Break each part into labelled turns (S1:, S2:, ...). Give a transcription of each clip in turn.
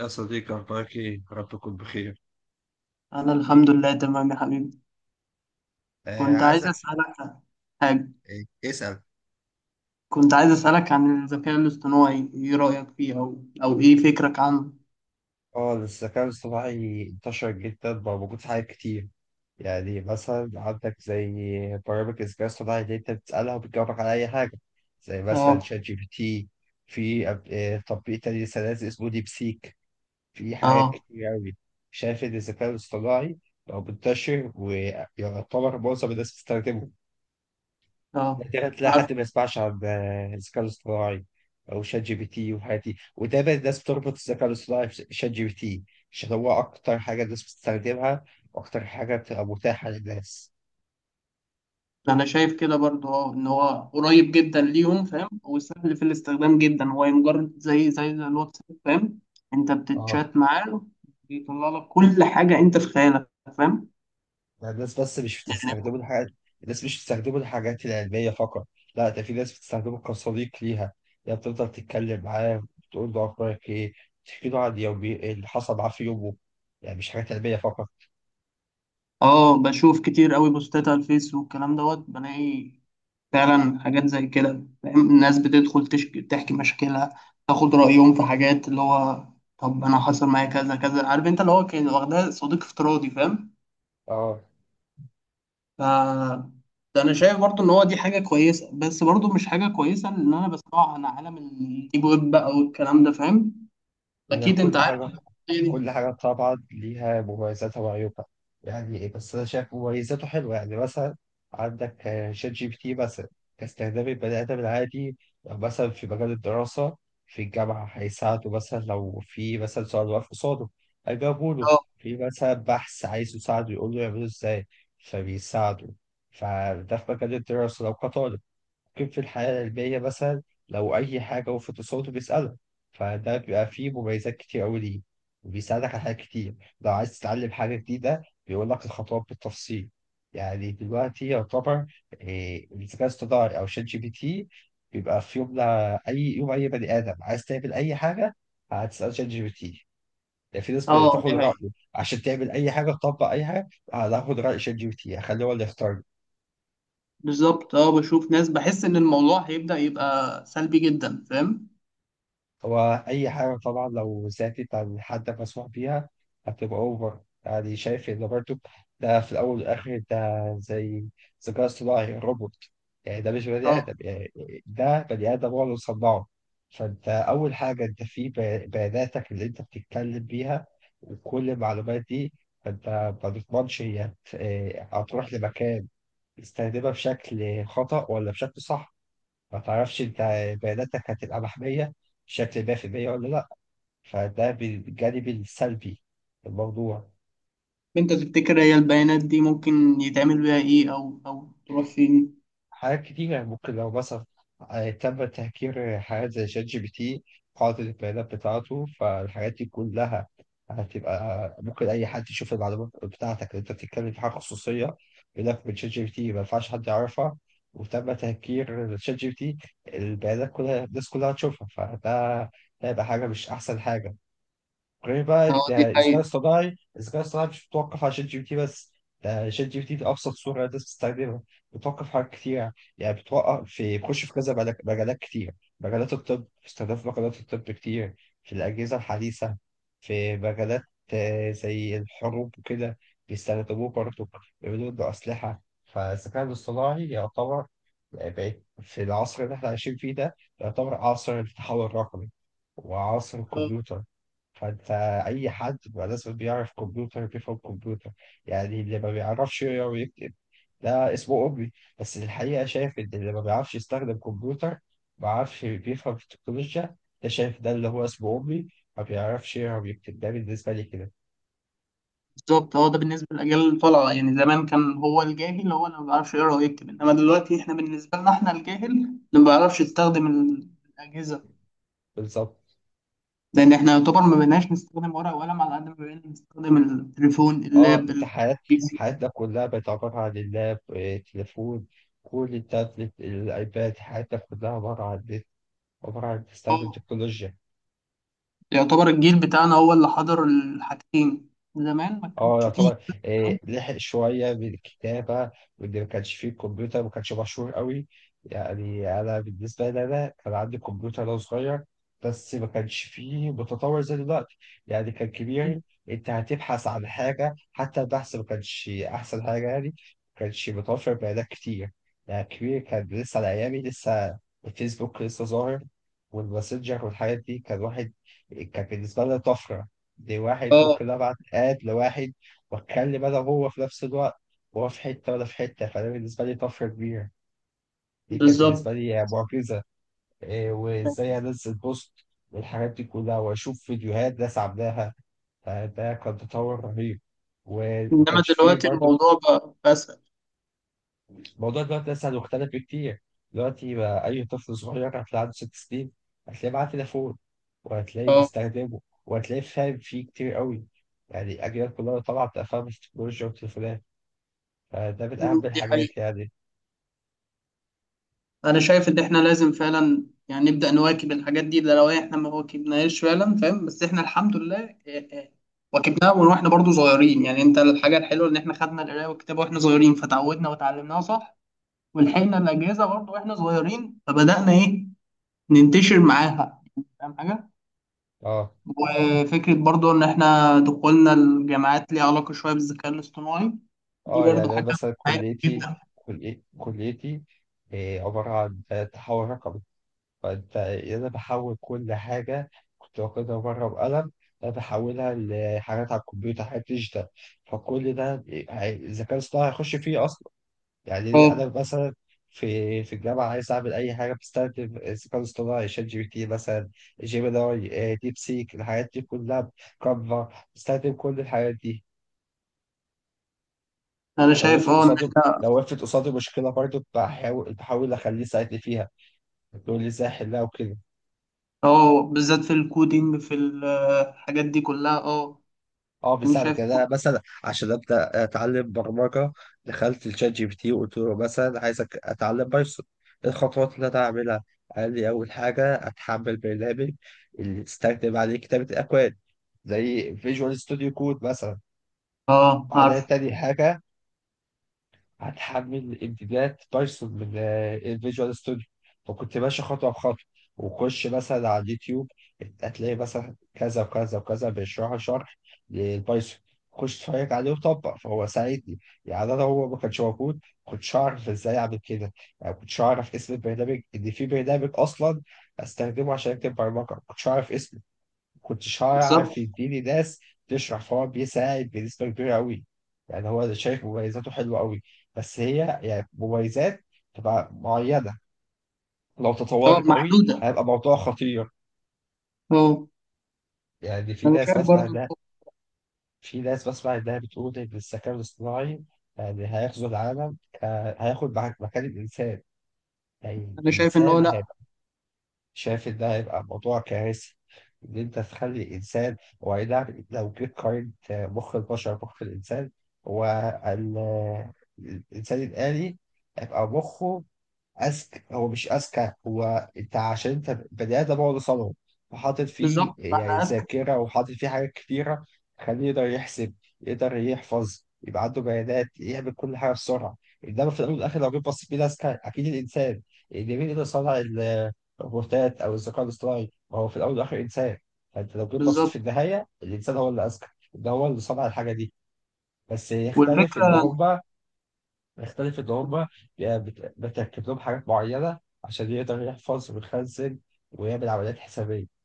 S1: يا صديقي، أخبارك إيه؟ رب تكون بخير.
S2: أنا الحمد لله تمام يا حبيبي.
S1: آه،
S2: كنت عايز
S1: عايزك.
S2: أسألك عن حاجة.
S1: آه، اسأل.
S2: كنت عايز أسألك عن الذكاء الاصطناعي، إيه رأيك فيه أو إيه فكرك عنه؟
S1: اه الذكاء الاصطناعي انتشر جدا، بقى موجود في حاجات كتير. يعني مثلا عندك زي برامج الذكاء الاصطناعي اللي انت بتسألها وبتجاوبك على أي حاجة، زي مثلا
S2: آه.
S1: شات جي بي تي. في أب- آه، تطبيق تاني لسه نازل اسمه ديب سيك. في حاجات
S2: آه.
S1: كتير أوي. شايف إن الذكاء الاصطناعي بقى منتشر، ويعتبر معظم الناس بتستخدمه.
S2: آه،
S1: نادرا تلاقي
S2: عارف.
S1: حد ما يسمعش عن الذكاء الاصطناعي او شات جي بي تي والحاجات دي. وده بقى الناس بتربط الذكاء الاصطناعي بشات جي بي تي عشان هو اكتر حاجه الناس بتستخدمها، واكتر حاجه بتبقى متاحه للناس.
S2: أنا شايف كده برضو، أه إن هو قريب جدا ليهم، فاهم، وسهل في الاستخدام جدا، هو مجرد زي الواتساب، فاهم؟ أنت
S1: اه.
S2: بتتشات معاه، بيطلع لك كل حاجة أنت في خيالك، فاهم؟
S1: يعني الناس بس مش بتستخدمه الحاجات، الناس مش بتستخدمه الحاجات العلميه فقط، لا، ده في ناس بتستخدمه كصديق ليها. يعني بتفضل تتكلم معاه، بتقول له اخبارك ايه، تحكي له عن يومي اللي حصل معاه في يومه. يعني مش حاجات علميه فقط.
S2: آه، بشوف كتير أوي بوستات على الفيس والكلام دوت، بلاقي فعلا حاجات زي كده، فاهم، الناس بتدخل تشكي تحكي مشاكلها، تاخد رأيهم في حاجات، اللي هو طب أنا حصل معايا كذا كذا، عارف، أنت اللي هو كان واخدها صديق افتراضي، فاهم؟
S1: اه.
S2: ف ده أنا شايف برضو إن هو دي حاجة كويسة، بس برضو مش حاجة كويسة إن أنا بسمعه عن عالم الديب ويب بقى والكلام ده، فاهم؟
S1: هي
S2: أكيد أنت
S1: كل
S2: عارف
S1: حاجه،
S2: الحكاية دي.
S1: كل حاجة طبعا ليها مميزاتها وعيوبها. يعني إيه؟ بس أنا شايف مميزاته حلوة. يعني مثلا عندك شات جي بي تي مثلا، كاستخدام البني آدم العادي. لو مثلا في مجال الدراسة، في الجامعة هيساعده، مثلا لو في مثلا سؤال واقف قصاده هيجاوبه له،
S2: أه.
S1: في مثلا بحث عايز يساعده يقول له يعمله إزاي فبيساعده. فده في مجال الدراسة لو كطالب، كيف في الحياة العلمية مثلا لو أي حاجة وقفت قصاده بيسأله. فده بيبقى فيه مميزات كتير أوي ليه، وبيساعدك على حاجات كتير. لو عايز تتعلم حاجة جديدة بيقول لك الخطوات بالتفصيل. يعني دلوقتي يعتبر الذكاء الاصطناعي أو شات جي بي تي بيبقى في يوم، أي يوم أي بني آدم عايز تعمل أي حاجة هتسأل شات جي بي تي. يعني في ناس
S2: أه،
S1: بتاخد
S2: دي حقيقة.
S1: رأيه عشان تعمل أي حاجة تطبق أي حاجة، هتاخد رأي شات جي بي تي هخليه هو اللي يختار.
S2: بالظبط، أه بشوف ناس، بحس إن الموضوع هيبدأ يبقى سلبي جدا، فاهم؟
S1: هو أي حاجة طبعا لو زادت عن حد مسموح بيها هتبقى أوفر. يعني شايف إن برضه، ده في الأول والآخر ده زي ذكاء اصطناعي روبوت، يعني ده مش بني
S2: أه،
S1: آدم. يعني ده بني آدم هو اللي صنعه. فأنت أول حاجة أنت بياناتك اللي أنت بتتكلم بيها وكل المعلومات دي، فأنت ما تضمنش هتروح لمكان تستخدمها بشكل خطأ ولا بشكل صح. ما تعرفش انت بياناتك هتبقى محمية بشكل 100% ولا لا. فده بالجانب السلبي الموضوع.
S2: انت تفتكر هي البيانات دي ممكن يتعمل بيها ايه، او تروح فين؟
S1: حاجات كتيرة ممكن، لو مثلا تم تهكير حاجات زي شات جي بي تي، قاعدة البيانات بتاعته فالحاجات دي كلها، هتبقى ممكن أي حد يشوف المعلومات بتاعتك اللي أنت بتتكلم في حاجة خصوصية، يقول لك من شات جي بي تي ما ينفعش حد يعرفها، وتم تهكير شات جي بي تي، البيانات كلها الناس كلها هتشوفها. فده ده هيبقى حاجة مش أحسن حاجة. غير بقى
S2: اه، دي
S1: ده الذكاء
S2: حقيقة.
S1: الاصطناعي. الذكاء الاصطناعي مش متوقف على شات جي بي تي بس، ده شات جي بي تي في ابسط صوره الناس بتستخدمها. بتوقف في حاجات كتير، يعني بتوقف في، بيخش في كذا مجالات كتير. مجالات الطب، في استخدام في مجالات الطب كتير، في الاجهزه الحديثه، في مجالات زي الحروب وكده بيستخدموه برضه، بيعملوا له اسلحه. فالذكاء الاصطناعي يعتبر بقت في العصر اللي احنا عايشين فيه ده، يعتبر عصر التحول الرقمي وعصر
S2: اه،
S1: الكمبيوتر. فانت، اي حد بقى لازم بيعرف كمبيوتر، بيفهم كمبيوتر. يعني اللي ما بيعرفش يقرا ويكتب ده اسمه أمي، بس الحقيقة شايف إن اللي ما بيعرفش يستخدم كمبيوتر ما بيعرفش بيفهم في التكنولوجيا، ده شايف ده اللي هو اسمه أمي، ما بيعرفش يقرا ويكتب، ده بالنسبة لي كده.
S2: بالظبط. هو ده بالنسبة للأجيال الطالعة، يعني زمان كان هو الجاهل هو اللي ما بيعرفش يقرا ويكتب، إنما دلوقتي احنا بالنسبة لنا احنا الجاهل اللي ما بيعرفش يستخدم الأجهزة.
S1: بالظبط.
S2: لأن احنا يعتبر ما بقيناش نستخدم ورق وقلم على قد ما بقينا نستخدم التليفون،
S1: اه
S2: اللاب،
S1: انت حيات
S2: البي سي.
S1: حياتنا كلها بقت عبارة عن اللاب، تليفون، كل التابلت الأيباد. حياتنا كلها عبارة عن، عبارة عن
S2: اه،
S1: تستخدم تكنولوجيا.
S2: يعتبر الجيل بتاعنا هو اللي حضر الحاجتين، زمان ما كانش
S1: اه،
S2: فيه
S1: يعتبر
S2: الكلام
S1: لحق شوية بالكتابة، واللي ما كانش فيه الكمبيوتر ما كانش مشهور قوي. يعني أنا بالنسبة لي أنا كان عندي كمبيوتر وأنا صغير، بس ما كانش فيه متطور زي دلوقتي. يعني كان
S2: ده.
S1: كبير، أنت هتبحث عن حاجة حتى البحث ما كانش أحسن حاجة، يعني ما كانش متوفر بيانات كتير. يعني كبير كان لسه على أيامي. لسه الفيسبوك لسه ظاهر، والماسنجر والحاجات دي، كان واحد كان بالنسبة لنا طفرة، دي واحد
S2: اه،
S1: ممكن أبعت آد لواحد، وخلي بقى هو في نفس الوقت هو في حتة وأنا في حتة. فده بالنسبة لي طفرة كبيرة، دي كانت بالنسبة
S2: بالظبط.
S1: لي معجزة. إيه وإزاي أنزل بوست والحاجات دي كلها، وأشوف فيديوهات ناس عاملاها. فده كان تطور رهيب، وما
S2: انما
S1: كانش فيه
S2: دلوقتي
S1: برضه.
S2: الموضوع بقى اسهل.
S1: الموضوع دلوقتي لسه مختلف كتير. دلوقتي بقى أي طفل صغير هتلاقي عنده 6 سنين، هتلاقيه معاه تليفون وهتلاقيه
S2: اه.
S1: بيستخدمه، وهتلاقيه فاهم فيه كتير قوي. يعني الأجيال كلها طبعا بتبقى فاهمة في التكنولوجيا والتليفونات. فده من
S2: مم،
S1: أهم
S2: دي حقيقة.
S1: الحاجات يعني.
S2: انا شايف ان احنا لازم فعلا، يعني نبدأ نواكب الحاجات دي، ده لو احنا ما واكبناهاش فعلا، فاهم، بس احنا الحمد لله إيه إيه، واكبناها من واحنا برضو صغيرين. يعني انت الحاجة الحلوة ان احنا خدنا القراية والكتابة واحنا صغيرين فتعودنا وتعلمناها صح، ولحقنا الأجهزة برضو واحنا صغيرين فبدأنا ايه ننتشر معاها، فاهم حاجة؟
S1: اه.
S2: وفكرة برضو ان احنا دخولنا الجامعات ليها علاقة شوية بالذكاء الاصطناعي، دي
S1: اه
S2: برضو
S1: يعني أنا
S2: حاجة
S1: مثلا
S2: مهمة
S1: كليتي،
S2: جدا.
S1: كليتي عبارة عن تحول رقمي. فانت انا بحول كل حاجة كنت واخدها بره بقلم، انا بحولها لحاجات على الكمبيوتر، حاجات ديجيتال. فكل ده الذكاء الاصطناعي هيخش فيه اصلا. يعني ليه،
S2: اه.
S1: انا مثلا في الجامعة عايز أعمل أي حاجة بستخدم الذكاء الاصطناعي، شات جي بي تي مثلا، جيميناي، ديب سيك، الحاجات دي كلها، كانفا، بستخدم كل الحاجات دي.
S2: انا
S1: لو
S2: شايف
S1: وقفت
S2: اه ان
S1: قصادي،
S2: احنا
S1: لو وقفت قصادي مشكلة برضه بحاول أخليه يساعدني فيها، يقول لي إزاي أحلها وكده.
S2: اه بالذات في الكودينج في الحاجات دي كلها. اه.
S1: أه
S2: انا شايف
S1: بيساعدك. يعني أنا مثلا عشان أبدأ أتعلم برمجة، دخلت الشات جي بي تي وقلت له مثلا عايزك أتعلم بايثون، إيه الخطوات اللي أنا أعملها؟ قال لي أول حاجة أتحمل برنامج اللي استخدم عليه كتابة الأكواد، زي فيجوال ستوديو كود مثلا.
S2: اه.
S1: بعدها
S2: عارف.
S1: تاني حاجة هتحمل امتدادات بايثون من الفيجوال ستوديو. فكنت ماشي خطوه بخطوه، وخش مثلا على اليوتيوب هتلاقي مثلا كذا وكذا وكذا بيشرحوا شرح للبايثون، خش اتفرج عليه وطبق. فهو ساعدني. يعني انا هو ما كانش موجود كنتش اعرف ازاي اعمل كده، يعني كنتش اعرف اسم البرنامج ان في برنامج اصلا استخدمه عشان اكتب برمجه، كنتش اعرف اسمه، كنتش هعرف
S2: بالظبط.
S1: يديني ناس تشرح. فهو بيساعد بنسبة كبيرة أوي. يعني هو شايف مميزاته حلوة أوي، بس هي يعني مميزات تبقى معينة، لو
S2: اه،
S1: تطورت أوي
S2: محدوده.
S1: هيبقى موضوع خطير.
S2: اه.
S1: يعني في
S2: انا
S1: ناس
S2: شايف
S1: بسمع
S2: برضو.
S1: ده، في ناس بسمع إنها بتقول إن الذكاء الاصطناعي يعني هيغزو العالم، هياخد مكان الإنسان. يعني
S2: انا شايف ان هو
S1: الإنسان
S2: لا.
S1: شايف إن ده هيبقى موضوع كارثي، إن أنت تخلي الإنسان. هو أي نعم لو جيت قارنت مخ البشر بمخ الإنسان، هو ال- الإنسان الآلي هيبقى مخه اذكى. هو مش اذكى، هو انت عشان انت بدأت بقعد صنعه، وحاطط فيه
S2: بالظبط،
S1: يعني
S2: احنا اذكى.
S1: ذاكره، وحاطط فيه حاجات كتيره، خليه يقدر يحسب، يقدر يحفظ، يبقى عنده بيانات، يعمل كل حاجه بسرعه. انما في الاول والاخر لو جيت بصيت بيه اذكى، اكيد الانسان اللي مين يقدر يصنع الروبوتات او الذكاء الاصطناعي، ما هو في الاول والاخر انسان. فانت لو جيت بصيت في
S2: بالظبط.
S1: النهايه الانسان هو اللي اذكى، ده هو اللي صنع الحاجه دي. بس يختلف ان
S2: والفكره.
S1: هما، بيختلف إن هما بتركب لهم حاجات معينة عشان يقدر يحفظ ويخزن ويعمل عمليات حسابية.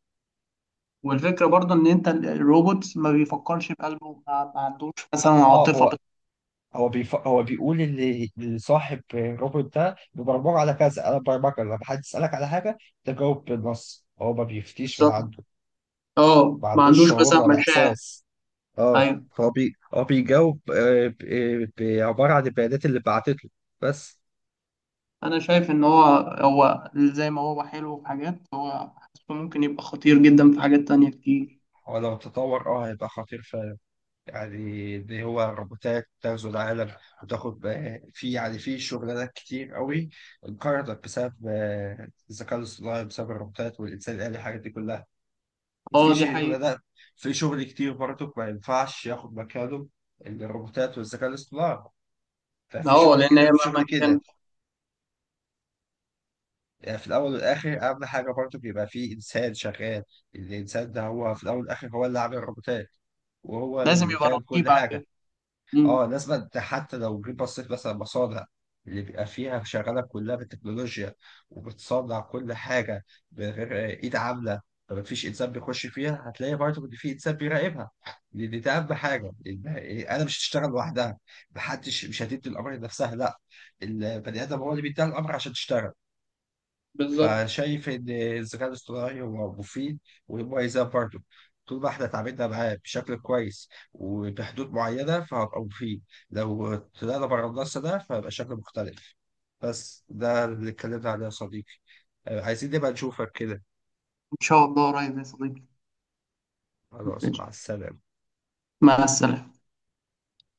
S2: والفكره برضو ان انت الروبوت ما بيفكرش بقلبه، ما عندوش مثلا
S1: اه
S2: عاطفه
S1: هو، هو بيقول ان صاحب الروبوت ده ببرمجه على كذا، انا برمجه لما حد يسالك على حاجه تجاوب بالنص، هو ما بيفتيش من
S2: بالظبط.
S1: عنده.
S2: اه،
S1: ما
S2: ما
S1: عندوش
S2: عندوش
S1: شعور
S2: مثلا
S1: ولا
S2: مشاعر.
S1: احساس. اه.
S2: ايوه.
S1: هو بيجاوب عباره عن البيانات اللي بعتت له بس.
S2: انا شايف ان هو زي ما هو حلو في حاجات، هو حاسه ممكن يبقى خطير جدا في حاجات تانية كتير.
S1: هو لو تطور اه هيبقى خطير فعلا. يعني اللي هو روبوتات تغزو العالم، وتاخد في، يعني في شغلانات كتير قوي انقرضت بسبب الذكاء الاصطناعي، بسبب الروبوتات والإنسان الآلي الحاجات دي كلها. في
S2: اه، دي حقيقة.
S1: شغلانات، في شغل كتير برضه ما ينفعش ياخد مكانه الروبوتات والذكاء الاصطناعي، ففي
S2: اه،
S1: شغل
S2: لأن هي
S1: كده في شغل
S2: مهما كان،
S1: كده. يعني في الأول والآخر أهم حاجة برضه بيبقى في إنسان شغال، الإنسان ده هو في الأول والآخر هو اللي عامل الروبوتات، وهو
S2: لازم
S1: اللي
S2: يبقى
S1: فاهم كل
S2: رقيب
S1: حاجة.
S2: عليه. مم.
S1: اه لازم. أنت حتى لو جيت بصيت مثلا مصانع اللي بيبقى فيها شغاله كلها بالتكنولوجيا، وبتصنع كل حاجه بغير ايد عامله، فما فيش انسان بيخش فيها، هتلاقي برضه ان في انسان بيراقبها، لان ده اهم حاجه، إن انا مش هتشتغل لوحدها، محدش مش هتدي الامر لنفسها، لا، البني ادم هو اللي بيديها الامر عشان تشتغل.
S2: بالظبط.
S1: فشايف ان الذكاء الاصطناعي هو مفيد ومميزات برضه، طول ما احنا اتعاملنا معاه بشكل كويس وبحدود معينه فهبقى مفيد، لو طلعنا بره النص ده فهيبقى شكل مختلف. بس ده اللي اتكلمنا عليه يا صديقي. عايزين نبقى نشوفك كده.
S2: إن شاء الله قريب يا صديقي.
S1: خلاص، مع
S2: ماشي.
S1: السلامه.
S2: مع السلامة.